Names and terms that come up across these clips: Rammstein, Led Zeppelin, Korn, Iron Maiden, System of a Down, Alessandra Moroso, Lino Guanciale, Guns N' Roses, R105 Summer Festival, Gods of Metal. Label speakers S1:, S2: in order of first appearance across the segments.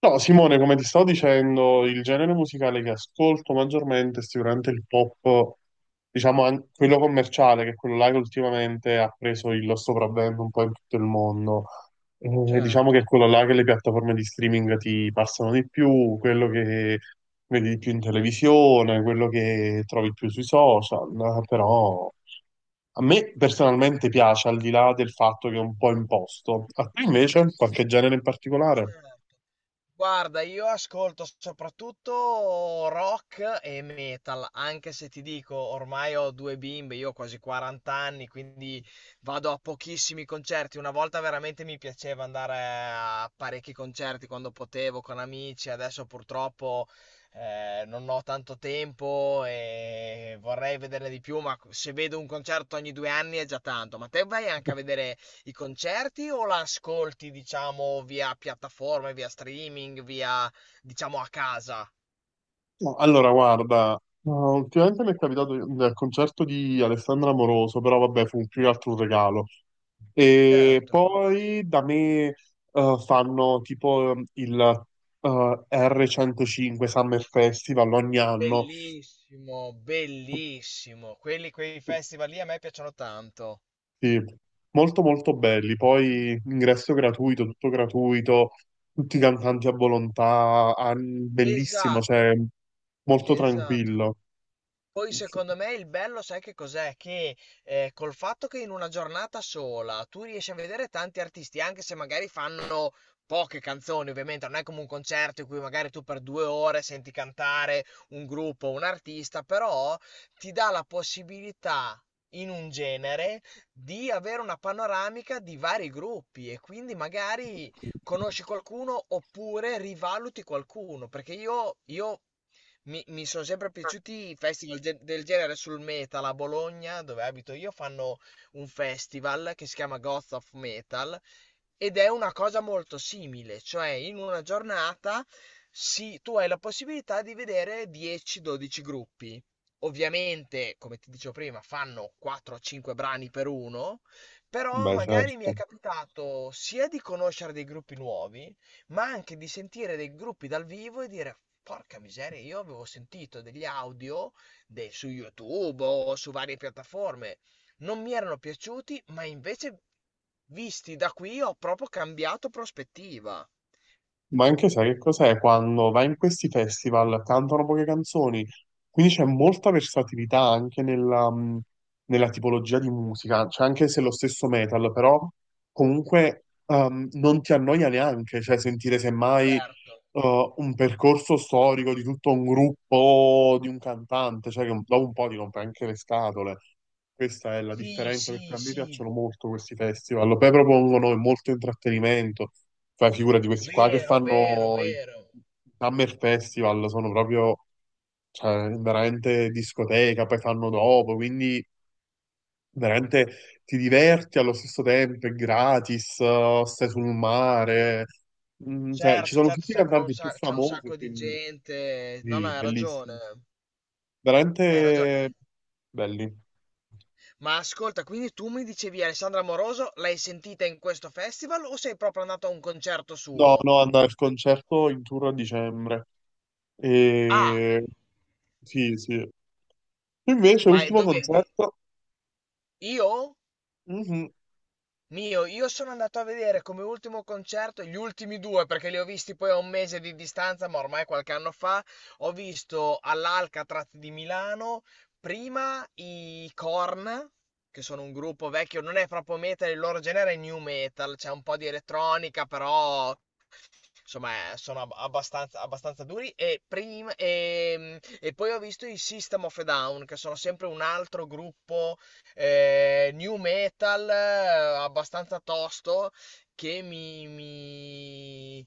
S1: No, Simone, come ti stavo dicendo, il genere musicale che ascolto maggiormente è sicuramente il pop, diciamo quello commerciale, che è quello là che ultimamente ha preso il sopravvento un po' in tutto il mondo. E diciamo
S2: Certo,
S1: che è quello là che le piattaforme di streaming ti passano di più, quello che vedi di più in televisione, quello che trovi più sui social, però a me personalmente piace, al di là del fatto che è un po' imposto. A te invece, qualche genere in particolare?
S2: certo. Guarda, io ascolto soprattutto rock e metal, anche se ti dico, ormai ho due bimbe, io ho quasi 40 anni, quindi vado a pochissimi concerti. Una volta veramente mi piaceva andare a parecchi concerti quando potevo con amici, adesso purtroppo non ho tanto tempo e vorrei vederne di più, ma se vedo un concerto ogni due anni è già tanto. Ma te vai anche a vedere i concerti o la ascolti, diciamo, via piattaforme, via streaming, via, diciamo, a casa?
S1: No, allora, guarda, ultimamente mi è capitato nel concerto di Alessandra Moroso, però vabbè, fu più che altro un regalo. E
S2: Certo.
S1: poi da me fanno tipo il uh, R105 Summer Festival ogni anno.
S2: Bellissimo, bellissimo. Quelli, quei festival lì a me piacciono tanto.
S1: Sì, molto molto belli. Poi ingresso gratuito, tutto gratuito, tutti i cantanti a volontà, ah, bellissimo,
S2: Esatto,
S1: cioè molto
S2: esatto.
S1: tranquillo.
S2: Poi secondo me il bello sai che cos'è? Che col fatto che in una giornata sola tu riesci a vedere tanti artisti, anche se magari fanno poche canzoni, ovviamente non è come un concerto in cui magari tu per due ore senti cantare un gruppo, un artista, però ti dà la possibilità in un genere di avere una panoramica di vari gruppi e quindi magari conosci qualcuno oppure rivaluti qualcuno, perché io mi sono sempre piaciuti i festival del genere sul metal a Bologna, dove abito io, fanno un festival che si chiama Gods of Metal ed è una cosa molto simile, cioè in una giornata tu hai la possibilità di vedere 10-12 gruppi. Ovviamente, come ti dicevo prima, fanno 4-5 brani per uno, però
S1: Beh,
S2: magari mi è
S1: certo.
S2: capitato sia di conoscere dei gruppi nuovi, ma anche di sentire dei gruppi dal vivo e dire porca miseria, io avevo sentito degli audio su YouTube o su varie piattaforme, non mi erano piaciuti, ma invece visti da qui ho proprio cambiato prospettiva.
S1: Ma anche sai che cos'è? Quando vai in questi festival cantano poche canzoni, quindi c'è molta versatilità anche nella, nella tipologia di musica, cioè anche se è lo stesso metal, però comunque non ti annoia neanche, cioè sentire semmai
S2: Certo,
S1: un percorso storico di tutto un gruppo, di un cantante, cioè che dopo un po' ti rompe anche le scatole. Questa è la
S2: sì,
S1: differenza perché
S2: sì,
S1: a me
S2: sì,
S1: piacciono molto questi festival. Poi propongono molto intrattenimento. Fai figura di questi qua che
S2: vero, vero,
S1: fanno i
S2: vero.
S1: i Summer Festival, sono proprio, cioè, veramente discoteca, poi fanno dopo, quindi veramente ti diverti allo stesso tempo, è gratis, stai sul mare. Mm, cioè, ci
S2: Certo,
S1: sono
S2: certo,
S1: tutti i
S2: sai, con un
S1: cantanti più
S2: c'è un
S1: famosi,
S2: sacco di
S1: quindi
S2: gente. No, no,
S1: sì,
S2: hai ragione.
S1: bellissimi.
S2: Hai ragione.
S1: Veramente belli.
S2: Ma ascolta, quindi tu mi dicevi Alessandra Moroso, l'hai sentita in questo festival o sei proprio andato a un concerto
S1: No,
S2: suo?
S1: no, andare al concerto in tour a dicembre.
S2: Ah,
S1: E... sì, sì. Invece,
S2: ma è
S1: ultimo
S2: dove?
S1: concerto,
S2: Io?
S1: mhm.
S2: Io sono andato a vedere come ultimo concerto, gli ultimi due, perché li ho visti poi a un mese di distanza, ma ormai qualche anno fa, ho visto all'Alcatraz di Milano prima i Korn, che sono un gruppo vecchio, non è proprio metal, il loro genere è new metal, c'è un po' di elettronica, però insomma, sono abbastanza, abbastanza duri. E, prima, e poi ho visto i System of a Down, che sono sempre un altro gruppo new metal abbastanza tosto che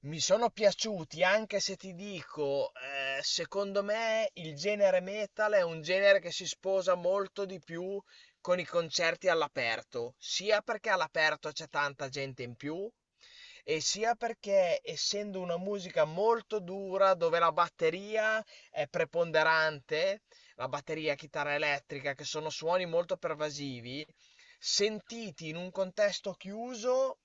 S2: mi sono piaciuti, anche se ti dico, secondo me il genere metal è un genere che si sposa molto di più con i concerti all'aperto, sia perché all'aperto c'è tanta gente in più, e sia perché essendo una musica molto dura dove la batteria è preponderante, la batteria, chitarra elettrica, che sono suoni molto pervasivi, sentiti in un contesto chiuso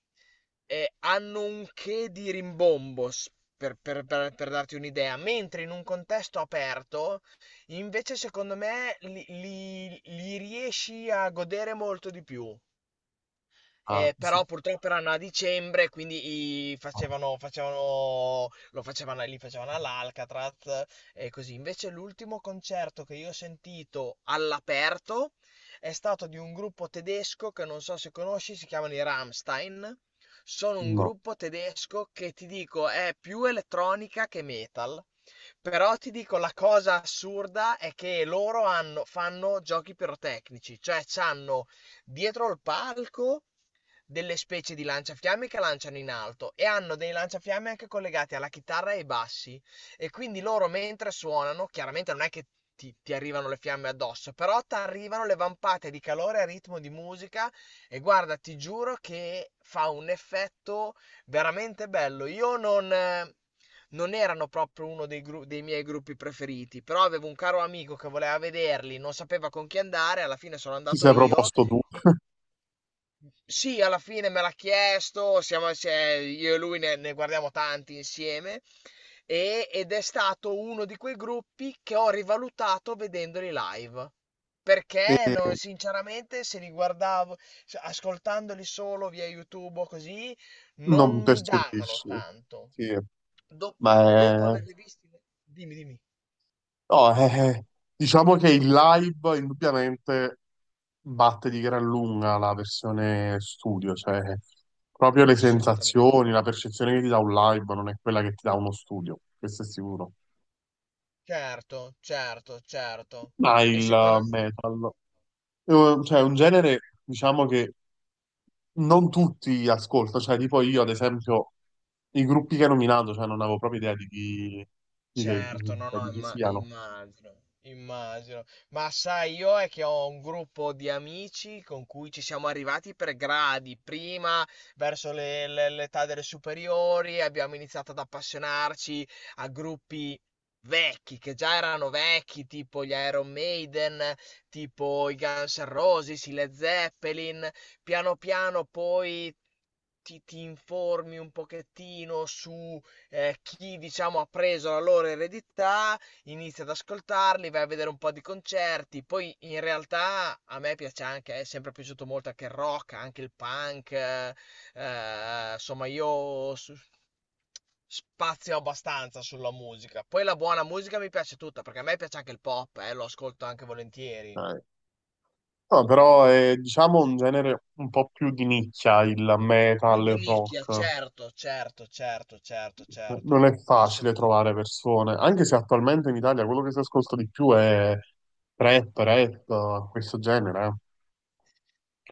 S2: hanno un che di rimbombo, per darti un'idea, mentre in un contesto aperto, invece secondo me li riesci a godere molto di più.
S1: Ah, sì.
S2: Però purtroppo erano a dicembre, quindi li facevano all'Alcatraz e così. Invece l'ultimo concerto che io ho sentito all'aperto è stato di un gruppo tedesco che non so se conosci, si chiamano i Rammstein. Sono un
S1: No,
S2: gruppo tedesco che ti dico è più elettronica che metal. Però ti dico la cosa assurda è che fanno giochi pirotecnici, cioè c'hanno dietro il palco delle specie di lanciafiamme che lanciano in alto e hanno dei lanciafiamme anche collegati alla chitarra e ai bassi e quindi loro mentre suonano, chiaramente non è che ti arrivano le fiamme addosso, però ti arrivano le vampate di calore a ritmo di musica e guarda, ti giuro che fa un effetto veramente bello. Io non... non erano proprio uno dei, dei miei gruppi preferiti, però avevo un caro amico che voleva vederli, non sapeva con chi andare, alla fine sono
S1: ti
S2: andato
S1: sei
S2: io
S1: proposto tu
S2: e, sì, alla fine me l'ha chiesto, siamo, cioè, io e lui ne guardiamo tanti insieme ed è stato uno di quei gruppi che ho rivalutato vedendoli live.
S1: e
S2: Perché sinceramente se li guardavo, ascoltandoli solo via YouTube o così,
S1: non
S2: non mi davano
S1: percepisci.
S2: tanto.
S1: Sì,
S2: Do-
S1: ma
S2: dopo
S1: è...
S2: averli visti, dimmi, dimmi.
S1: no, è- diciamo che il live indubbiamente batte di gran lunga la versione studio, cioè proprio le
S2: Assolutamente.
S1: sensazioni, la percezione che ti dà un live non è quella che ti dà uno studio, questo è sicuro.
S2: Certo, certo, certo.
S1: Ma
S2: E
S1: il
S2: secondo me
S1: metal, cioè è un genere, diciamo che non tutti ascolto, cioè tipo io ad esempio i gruppi che hai nominato, cioè non avevo proprio idea di chi, di che-
S2: certo, no,
S1: cioè,
S2: no,
S1: di chi siano.
S2: immagino, immagino. Ma sai, io è che ho un gruppo di amici con cui ci siamo arrivati per gradi. Prima, verso l'età delle superiori, abbiamo iniziato ad appassionarci a gruppi vecchi, che già erano vecchi, tipo gli Iron Maiden, tipo i Guns N' Roses, i Led Zeppelin. Piano piano poi ti informi un pochettino su chi diciamo ha preso la loro eredità inizia ad ascoltarli, vai a vedere un po' di concerti, poi in realtà a me piace anche, è sempre piaciuto molto anche il rock, anche il punk, insomma spazio abbastanza sulla musica. Poi la buona musica mi piace tutta, perché a me piace anche il pop, lo ascolto anche volentieri.
S1: Eh, no, però è diciamo un genere un po' più di nicchia, il
S2: Più
S1: metal,
S2: di
S1: il
S2: nicchia,
S1: rock.
S2: certo, certo, certo, certo,
S1: Non
S2: certo,
S1: è facile
S2: assolutamente.
S1: trovare persone, anche se attualmente in Italia quello che si ascolta di più è trap, rap, questo genere.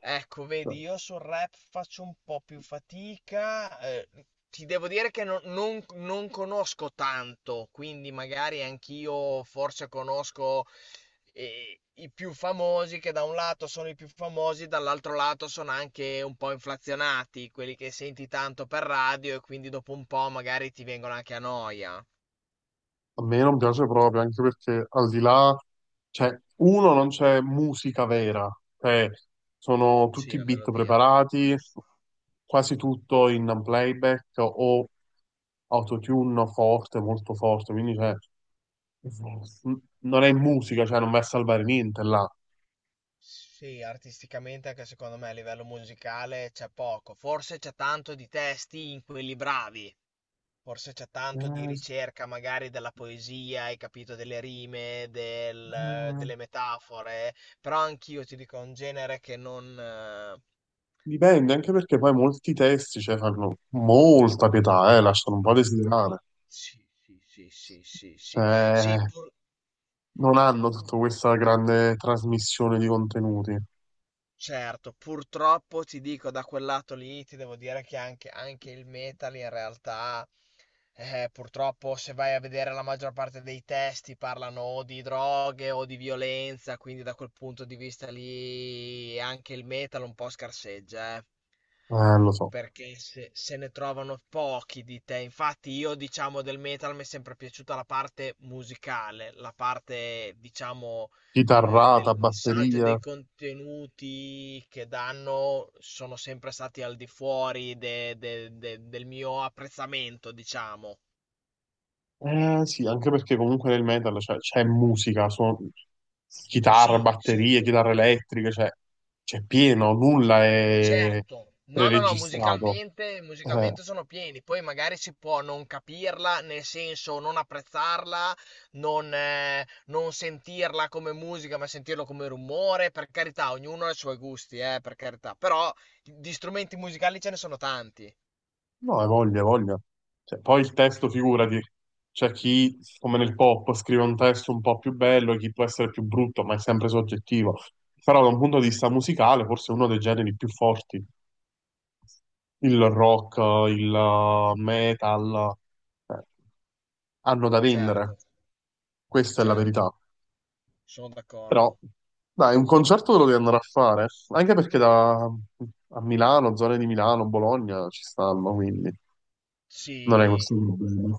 S2: Ecco,
S1: Eh.
S2: vedi, io sul rap faccio un po' più fatica. Ti devo dire che non conosco tanto, quindi magari anch'io forse conosco i più famosi, che da un lato sono i più famosi, dall'altro lato sono anche un po' inflazionati, quelli che senti tanto per radio e quindi dopo un po' magari ti vengono anche a noia.
S1: A me non piace proprio, anche perché al di là, cioè, uno, non c'è musica vera, cioè, sono
S2: Sì,
S1: tutti
S2: la
S1: beat
S2: melodia.
S1: preparati, quasi tutto in playback o autotune forte, molto forte, quindi cioè, non è musica, cioè, non va a salvare niente là.
S2: Sì, artisticamente anche secondo me a livello musicale c'è poco, forse c'è tanto di testi in quelli bravi, forse c'è tanto di
S1: Eh,
S2: ricerca magari della poesia, hai capito, delle rime,
S1: eh,
S2: delle metafore, però anch'io ti dico è un genere che non...
S1: dipende, anche perché poi molti testi, cioè, fanno molta pietà, lasciano un po' a desiderare.
S2: sì, sì, sì, sì, sì, sì, sì,
S1: Cioè, non hanno tutta questa grande trasmissione di contenuti.
S2: certo, purtroppo ti dico da quel lato lì, ti devo dire che anche il metal in realtà, purtroppo se vai a vedere la maggior parte dei testi parlano o di droghe o di violenza, quindi da quel punto di vista lì anche il metal un po' scarseggia,
S1: Lo so.
S2: perché se ne trovano pochi di te. Infatti, io diciamo del metal mi è sempre piaciuta la parte musicale, la parte diciamo
S1: Chitarrata,
S2: del messaggio e
S1: batteria.
S2: dei contenuti che danno sono sempre stati al di fuori del mio apprezzamento, diciamo.
S1: Eh sì, anche perché comunque nel metal cioè, c'è musica, chitarra,
S2: Sì, sì,
S1: batterie, chitarre elettriche, cioè c'è pieno, nulla è
S2: certo, no, no, no,
S1: preregistrato.
S2: musicalmente,
S1: Eh,
S2: musicalmente sono pieni, poi magari si può non capirla, nel senso non apprezzarla, non sentirla come musica, ma sentirlo come rumore, per carità, ognuno ha i suoi gusti, per carità, però di strumenti musicali ce ne sono tanti,
S1: No, hai voglia, hai voglia. Cioè, poi il testo, figurati, c'è chi, come nel pop, scrive un testo un po' più bello, chi può essere più brutto, ma è sempre soggettivo. Però da un punto di vista musicale, forse è uno dei generi più forti. Il rock, il metal, eh, hanno da vendere.
S2: certo,
S1: Questa è la
S2: certo,
S1: verità.
S2: sono
S1: Però,
S2: d'accordo.
S1: dai, un concerto te lo devi andare a fare, anche perché da, a Milano, zone di Milano, Bologna ci stanno, quindi
S2: Sì.
S1: non è questo. Il problema.